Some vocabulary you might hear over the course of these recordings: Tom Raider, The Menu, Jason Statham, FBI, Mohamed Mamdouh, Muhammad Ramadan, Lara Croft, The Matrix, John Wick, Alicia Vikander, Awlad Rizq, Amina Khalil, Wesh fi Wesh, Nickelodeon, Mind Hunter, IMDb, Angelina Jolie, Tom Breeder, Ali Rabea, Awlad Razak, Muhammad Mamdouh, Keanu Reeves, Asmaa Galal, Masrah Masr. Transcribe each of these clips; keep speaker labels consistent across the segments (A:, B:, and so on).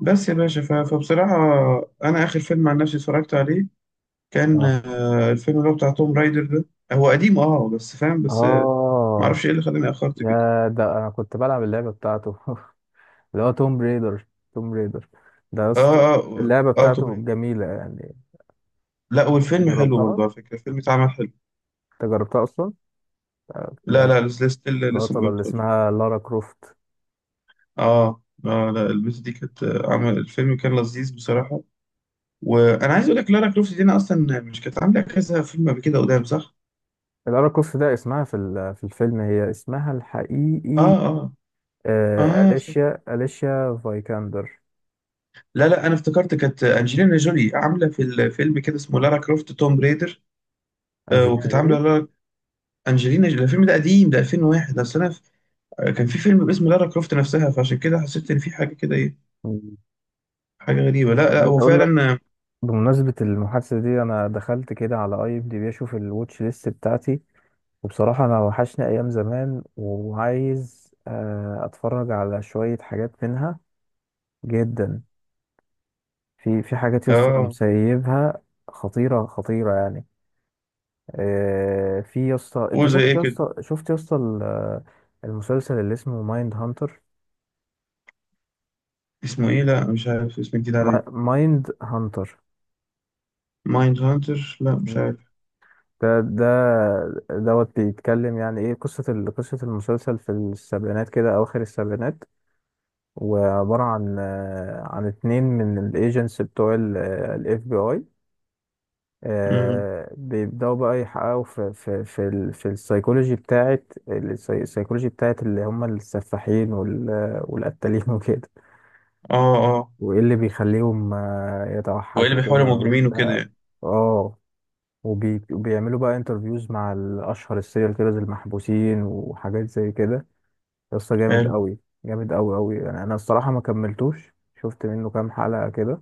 A: بس يا باشا فبصراحة أنا آخر فيلم عن نفسي اتفرجت عليه كان،
B: اه،
A: الفيلم اللي هو بتاع توم رايدر ده. هو قديم، بس فاهم، بس آه،
B: اه.
A: معرفش إيه اللي خلاني أخرت
B: يا
A: كده.
B: ده انا كنت بلعب اللعبه بتاعته اللي هو توم بريدر. توم بريدر ده يا
A: أه
B: اسطى،
A: أه أه
B: اللعبه
A: آه، توم
B: بتاعته
A: رايدر.
B: جميله يعني.
A: لا والفيلم حلو برضه،
B: جربتها؟
A: على فكرة الفيلم اتعمل حلو.
B: انت جربتها اصلا؟
A: لا
B: لا.
A: لا، لسه ستيل لسه
B: البطله اللي
A: مبطل.
B: اسمها لارا كروفت.
A: أه أه لا، البت دي كانت، عمل الفيلم كان لذيذ بصراحة. وأنا عايز أقول لك لارا كروفت دي أنا أصلا مش كانت عاملة كذا فيلم قبل كده قدام، صح؟
B: لارا كروفت ده اسمها في الفيلم، هي اسمها
A: أه
B: الحقيقي
A: أه
B: آه،
A: أه
B: اليشيا اليشيا فايكاندر.
A: لا لا، انا افتكرت كانت انجلينا جولي عامله في الفيلم كده اسمه لارا كروفت توم بريدر.
B: انجلينا
A: وكانت عامله
B: جولي.
A: لارا. انجلينا جولي الفيلم ده قديم، ده 2001، بس انا كان في فيلم باسم لارا كروفت نفسها، فعشان كده حسيت ان في حاجه كده ايه،
B: مم.
A: حاجه غريبه. لا لا،
B: عايز
A: هو
B: اقول لك،
A: فعلا.
B: بمناسبه المحادثه دي انا دخلت كده على اي ام دي بي اشوف الواتش ليست بتاعتي، وبصراحة أنا وحشني أيام زمان وعايز أتفرج على شوية حاجات منها جدا. في حاجات يا اسطى أنا
A: اه،
B: مسيبها خطيرة خطيرة يعني. في، يا اسطى، أنت
A: هو زي
B: شفت
A: ايه
B: يا
A: كده؟
B: اسطى، شفت يا اسطى المسلسل اللي اسمه مايند هانتر.
A: اسمه ايه؟ لا مش عارف، اسم جديد عليا.
B: مايند هانتر.
A: مايند هانتر؟ لا مش
B: مم.
A: عارف.
B: ده دوت بيتكلم يعني إيه، قصة المسلسل في السبعينات كده، أواخر السبعينات، وعبارة عن عن اتنين من الايجنتس بتوع الاف بي اي،
A: امم
B: بيبدأوا بقى يحققوا في السيكولوجي بتاعت، السيكولوجي بتاعت اللي هم السفاحين، والقتالين وكده،
A: اه اه،
B: وايه اللي بيخليهم
A: هو إيه؟
B: يتوحشوا
A: اللي بيحاول
B: كده
A: مجرمين وكده
B: وبتاع.
A: يعني.
B: اه. وبيعملوا بقى انترفيوز مع الاشهر السيريال كيلرز المحبوسين وحاجات زي كده. قصة جامد
A: حلو.
B: قوي. جامد قوي يعني. انا الصراحة ما كملتوش، شفت منه كام حلقة كده.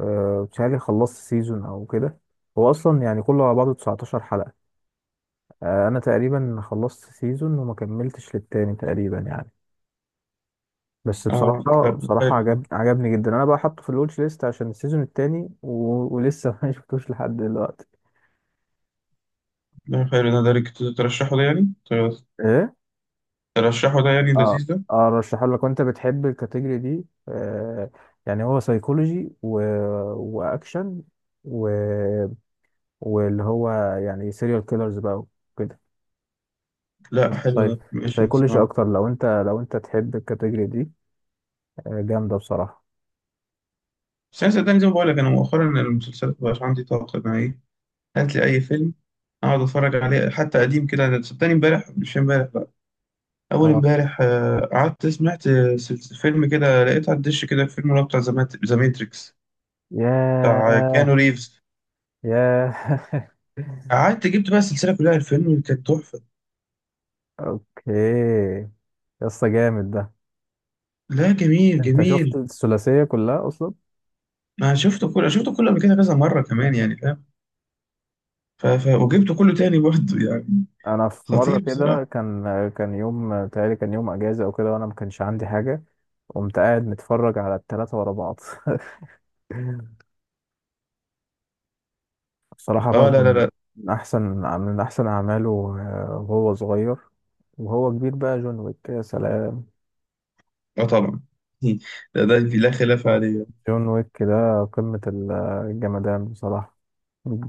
B: بتهيألي خلصت سيزون او كده. هو اصلا يعني كله على بعضه 19 حلقة. انا تقريبا خلصت سيزون وما كملتش للتاني تقريبا يعني. بس
A: اه لا،
B: بصراحة، بصراحة
A: حلو ده.
B: عجبني جدا، انا بقى حاطه في الواتش ليست عشان السيزون التاني و... ولسه ما شفتوش لحد دلوقتي.
A: لا حلو ده اللي كنت ترشحه ده يعني.
B: ايه.
A: ترشحه ده يعني،
B: اه.
A: لذيذ ده.
B: اه رشحه لك، وانت بتحب الكاتيجوري دي آه. يعني هو سايكولوجي و... واكشن و... واللي هو يعني سيريال كيلرز بقى، وكده.
A: لا
B: بس
A: حلو
B: ساي...
A: ده، ماشي
B: سيكولوجي
A: نسمعه.
B: اكتر، لو انت، لو انت تحب الكاتيجوري دي جامده بصراحه.
A: بس انا صدقني زي ما بقول لك، انا مؤخرا المسلسلات مبقاش عندي طاقه، انا ايه، هات لي اي فيلم اقعد اتفرج عليه حتى قديم كده. انا صدقني امبارح، مش امبارح لا، اول
B: اه.
A: امبارح، قعدت سمعت، فيلم كده لقيت على الدش كده، الفيلم اللي هو بتاع ذا ماتريكس بتاع،
B: ياه.
A: كيانو ريفز.
B: ياه
A: قعدت جبت بقى السلسله كلها، الفيلم كانت تحفه.
B: اوكي. يا اسطى جامد ده.
A: لا جميل
B: انت شفت
A: جميل.
B: الثلاثيه كلها اصلا؟
A: انا شفته كله، شفته كله قبل كده كذا مره كمان يعني فاهم. وجبته كله تاني برضه يعني.
B: انا في مره
A: خطير بصراحه.
B: كده كان، كان يوم تقريبا، كان يوم اجازه او كده وانا ما كانش عندي حاجه، قمت قاعد متفرج على الثلاثه ورا بعض بصراحه
A: اه
B: برضو
A: لا لا
B: من،
A: لا.
B: من احسن من احسن اعماله، وهو صغير. وهو كبير بقى جون ويك، يا سلام.
A: اه طبعا. لا خلاف عليه.
B: جون ويك ده قمة الجمدان بصراحة،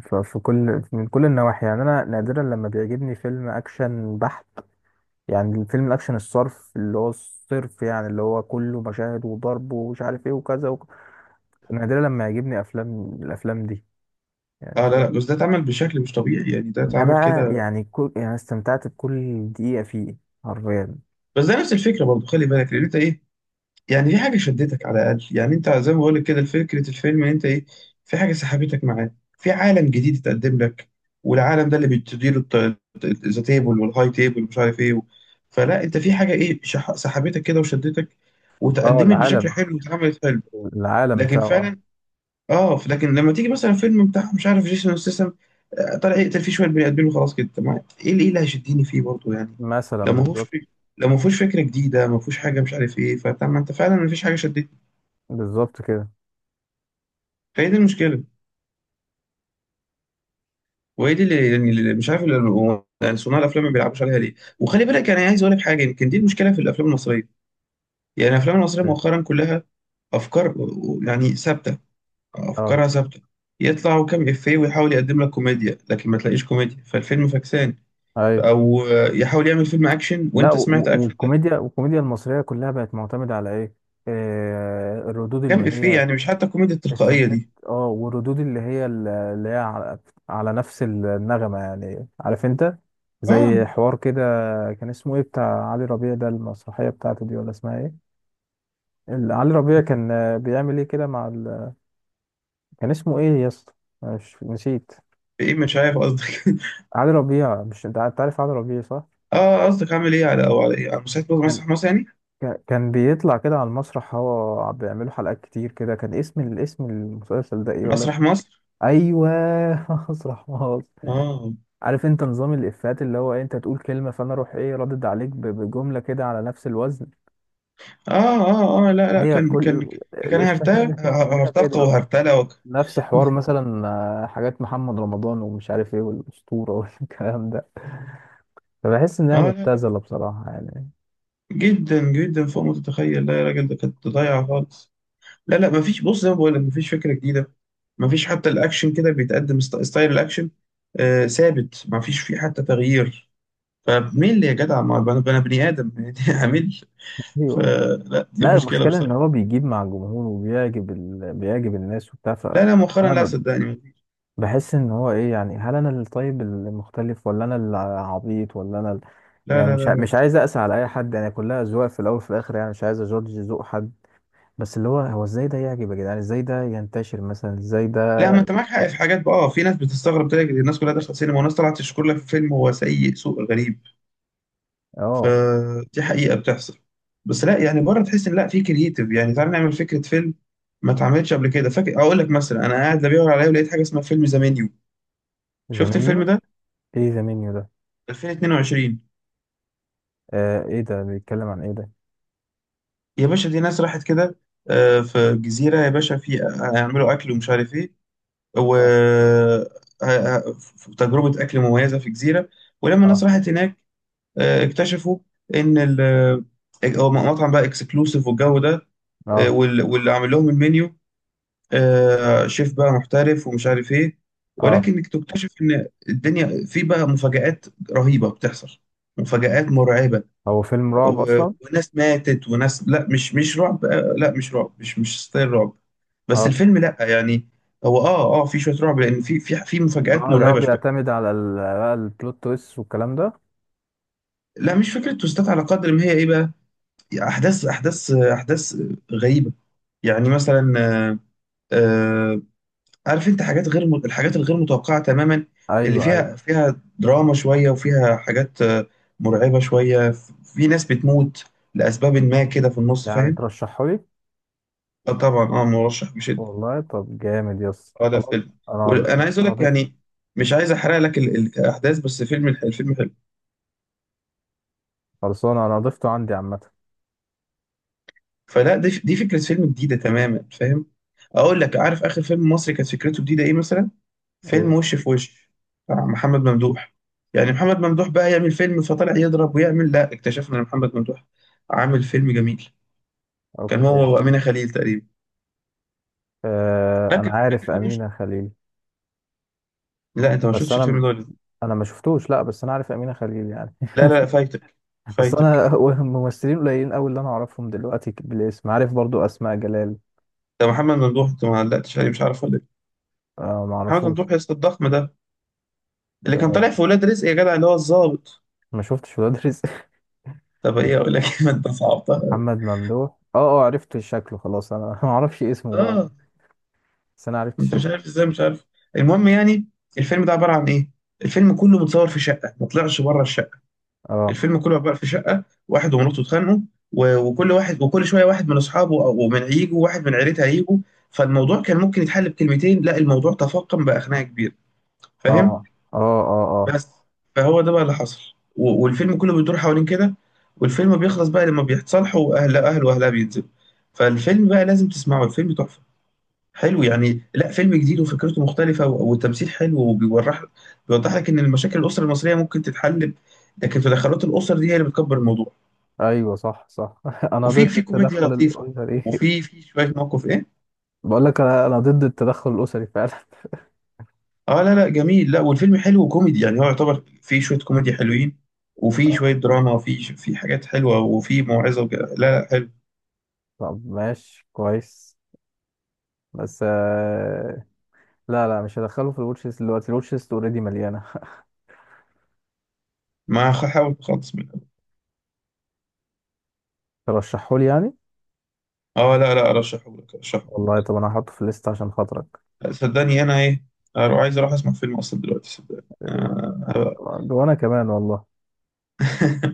B: في كل، من كل النواحي. يعني أنا نادرا لما بيعجبني فيلم أكشن بحت، يعني الفيلم الأكشن الصرف، اللي هو الصرف يعني، اللي هو كله مشاهد وضرب ومش عارف إيه وكذا نادرا لما يعجبني أفلام، الأفلام دي، يعني
A: اه لا لا،
B: فاهم.
A: بس ده اتعمل بشكل مش طبيعي يعني، ده
B: ده
A: اتعمل
B: بقى
A: كده.
B: يعني كل، يعني استمتعت بكل دقيقة فيه حرفيا.
A: بس ده نفس الفكره برضه، خلي بالك، لان انت ايه، يعني دي حاجه شدتك على الاقل. يعني انت زي ما بقول لك كده، فكره الفيلم ان انت ايه، في حاجه سحبتك معاه في عالم جديد اتقدم لك، والعالم ده اللي بتديله ذا تيبل والهاي تيبل ومش عارف ايه فلا انت في حاجه ايه، سحبتك كده وشدتك،
B: اه
A: وتقدمت بشكل
B: العالم،
A: حلو واتعملت حلو.
B: العالم
A: لكن
B: بتاعه آه.
A: فعلا، اه، لكن لما تيجي مثلا فيلم بتاع مش عارف جيسون ستاثام، طالع يقتل فيه شويه بني ادمين وخلاص كده، ما ايه اللي هيشدني فيه برضه يعني.
B: مثلا
A: لو ما هوش
B: بالظبط.
A: فيه، لو ما فيهوش فكره جديده، ما فيهوش حاجه مش عارف ايه، فطب ما انت فعلا ما فيش حاجه شدتني.
B: بالظبط كده.
A: فهي دي المشكله، وهي دي اللي يعني، اللي مش عارف، اللي يعني صناع الافلام ما بيلعبوش عليها ليه. وخلي بالك انا عايز اقول لك حاجه، يمكن دي المشكله في الافلام المصريه. يعني الافلام المصريه مؤخرا كلها افكار يعني ثابته،
B: اه.
A: افكارها ثابته. يطلع كام افيه ويحاول يقدم لك كوميديا، لكن ما تلاقيش كوميديا فالفيلم فكسان.
B: ايوه.
A: او يحاول يعمل فيلم اكشن
B: لا،
A: وانت سمعت اكشن ده،
B: والكوميديا والكوميديا المصرية كلها بقت معتمدة على ايه، آه الردود اللي
A: كام افيه
B: هي
A: يعني، مش حتى الكوميديا التلقائيه
B: افيهات.
A: دي.
B: اه والردود اللي هي اللي هي على، على نفس النغمة يعني، عارف انت.
A: اه،
B: زي حوار كده، كان اسمه ايه بتاع علي ربيع ده، المسرحية بتاعته دي، ولا اسمها ايه؟ علي ربيع كان بيعمل ايه كده مع ال... كان اسمه ايه يا اسطى؟ مش نسيت.
A: في ايه مش عارف قصدك.
B: علي ربيع، مش انت عارف علي ربيع صح؟
A: اه قصدك عامل ايه على، او على ايه، على مسرح،
B: كان،
A: مسرح مصر يعني.
B: كان بيطلع كده على المسرح، هو بيعملوا حلقات كتير كده، كان اسم، الاسم المسلسل ده ايه ولا؟
A: مسرح مصر،
B: ايوه مسرح مصر.
A: اه
B: عارف انت نظام الافيهات، اللي هو إيه، انت تقول كلمه فانا اروح ايه ردد عليك بجمله كده على نفس الوزن.
A: اه. لا لا،
B: هي
A: كان كان
B: كل
A: كان
B: الافيهات
A: هرتقى،
B: دي كلها
A: هرتقى
B: كده،
A: وهرتلى
B: نفس حوار، مثلا حاجات محمد رمضان ومش عارف ايه، والاسطوره والكلام ده. فبحس ان هي
A: اه لا لا،
B: مبتذله بصراحه يعني.
A: جدا جدا فوق ما تتخيل، لا يا راجل ده كانت ضايعه خالص. لا لا، مفيش. بص، زي ما بقول لك، مفيش فكره جديده، مفيش حتى الاكشن كده بيتقدم، ستايل الاكشن ثابت، مفيش فيه حتى تغيير. فبميل يا جدع، ما أنا بني ادم يعني اميل.
B: ايوه.
A: فلا دي
B: لا،
A: مشكله
B: المشكله ان
A: بصراحه.
B: هو بيجيب مع الجمهور، وبيعجب ال... بيعجب الناس وبتاع
A: لا لا مؤخرا،
B: انا
A: لا صدقني.
B: بحس ان هو ايه يعني، هل انا اللي طيب المختلف، ولا انا اللي عبيط، ولا انا ال-،
A: لا
B: يعني
A: لا لا لا.
B: مش عايز اقسى على اي حد، يعني كلها اذواق في الاول وفي الاخر، يعني مش عايز اجورج ذوق حد، بس اللي هو، هو ازاي ده يعجب يا جدعان، ازاي ده ينتشر مثلا، ازاي ده.
A: لا، ما انت معاك حق في حاجات بقى. اه، في ناس بتستغرب تلاقي الناس كلها داخله سينما، والناس طلعت تشكر لك في فيلم هو سيء سوء غريب.
B: اه.
A: فدي حقيقه بتحصل. بس لا يعني، بره تحس ان لا في كرييتيف، يعني تعالى نعمل فكره فيلم ما اتعملتش قبل كده. فاكر اقول لك مثلا، انا قاعد لا بيدور عليا، ولقيت حاجه اسمها فيلم ذا منيو.
B: ذا
A: شفت الفيلم
B: منيو.
A: ده؟
B: ايه ذا منيو ده؟
A: 2022.
B: آه ايه ده، بيتكلم عن ايه ده؟
A: يا باشا، دي ناس راحت كده، في جزيرة، يا باشا في، هيعملوا أكل ومش عارف إيه، و
B: اه.
A: تجربة أكل مميزة في جزيرة. ولما
B: اه.
A: الناس راحت هناك، اكتشفوا إن هو مطعم بقى اكسكلوسيف، والجو ده،
B: اه.
A: واللي عامل لهم المنيو، شيف بقى محترف ومش عارف إيه.
B: اه.
A: ولكن تكتشف إن الدنيا في بقى مفاجآت رهيبة بتحصل، مفاجآت مرعبة
B: هو فيلم رعب اصلا؟
A: وناس ماتت وناس، لا مش رعب، لا مش رعب، مش ستايل رعب. بس
B: اه.
A: الفيلم لا يعني، هو في شويه رعب، لان في مفاجآت
B: اه اللي هو
A: مرعبه شويه.
B: بيعتمد على بقى البلوت تويست والكلام ده.
A: لا مش فكره توستات على قدر ما هي ايه بقى، احداث احداث احداث غريبه. يعني مثلا، آه عارف انت حاجات، غير م- الحاجات الغير متوقعه تماما اللي
B: ايوه، ايوه.
A: فيها دراما شويه، وفيها حاجات، مرعبه شويه، في ناس بتموت لاسباب ما كده في النص
B: يعني
A: فاهم.
B: ترشحه؟
A: طبعا، اه مرشح بشده.
B: والله طب جامد يس،
A: اه لا
B: خلاص
A: فيلم،
B: انا
A: وانا
B: انا
A: عايز اقول
B: انا
A: لك
B: ضفته.
A: يعني، مش عايز احرق لك الاحداث، بس الفيلم حلو.
B: خلصانه، انا ضفته عندي عامه.
A: فلا دي فكره فيلم جديده تماما فاهم. اقول لك عارف اخر فيلم مصري كانت فكرته جديده ايه مثلا؟ فيلم
B: ايه.
A: وش في وش بتاع محمد ممدوح. يعني محمد ممدوح بقى يعمل فيلم فطلع يضرب ويعمل، لا اكتشفنا ان محمد ممدوح عامل فيلم جميل. كان
B: اوكي.
A: هو وامينه خليل تقريبا.
B: آه انا
A: فاكر
B: عارف
A: فيلم وش؟
B: امينه خليل.
A: لا انت ما
B: بس
A: شفتش
B: انا،
A: الفيلم ده ولا إيه؟
B: انا ما شفتوش لا، بس انا عارف امينه خليل يعني.
A: لا لا لا، فايتك
B: بس انا،
A: فايتك.
B: هو ممثلين قليلين قوي اللي انا اعرفهم دلوقتي بالاسم، عارف برضو اسماء جلال.
A: ده محمد ممدوح انت ما علقتش عليه، مش عارف ولا إيه؟
B: آه ما
A: محمد
B: اعرفوش.
A: ممدوح يا اسطى الضخم ده، اللي كان
B: آه
A: طالع في ولاد رزق يا جدع، اللي هو الظابط.
B: ما شفتش ولاد رزق.
A: طب ايه اقول لك ما انت صعبتها.
B: محمد ممدوح. اه. اه عرفت شكله خلاص، انا ما اعرفش اسمه بقى،
A: اه،
B: بس انا عرفت
A: انت مش
B: شكله.
A: عارف ازاي، مش عارف. المهم يعني، الفيلم ده عباره عن ايه، الفيلم كله متصور في شقه، ما طلعش بره الشقه.
B: اه.
A: الفيلم كله عباره في شقه، واحد ومراته اتخانقوا، وكل واحد، وكل شويه واحد من اصحابه او من عيجه، وواحد من عيلتها هيجوا، فالموضوع كان ممكن يتحل بكلمتين، لا الموضوع تفاقم بقى خناقه كبيره فاهم.
B: اه. اه. اه. آه.
A: بس، فهو ده بقى اللي حصل، والفيلم كله بيدور حوالين كده. والفيلم بيخلص بقى لما بيتصالحوا، واهل واهلها بينزلوا. فالفيلم بقى لازم تسمعه، الفيلم تحفه، حلو يعني. لا فيلم جديد، وفكرته مختلفه، والتمثيل حلو، بيوضح لك ان المشاكل الاسره المصريه ممكن تتحل، لكن تدخلات الاسر دي هي اللي بتكبر الموضوع.
B: ايوه صح، صح انا
A: وفي
B: ضد
A: في كوميديا
B: التدخل
A: لطيفه،
B: الاسري
A: وفي شويه موقف.
B: بقول لك انا، ضد التدخل الاسري فعلا.
A: اه لا لا جميل، لا والفيلم حلو وكوميدي، يعني هو يعتبر فيه شوية كوميدي حلوين، وفيه
B: آه،
A: شوية دراما، وفيه فيه حاجات حلوة، وفيه موعظة وكده، لا لا حلو.
B: طب ماشي كويس، بس لا، لا مش هدخله في الواتش ليست دلوقتي، الواتش ليست اوريدي مليانه.
A: ما حاول خالص من الأول.
B: ترشحه لي يعني؟
A: اه لا لا، أرشحه لك أرشحه
B: والله طب انا هحطه في الليست عشان خاطرك.
A: لك صدقني. أنا إيه، عايز أروح أسمع فيلم أصلا دلوقتي، صدقني آه هبقى.
B: وانا كمان والله.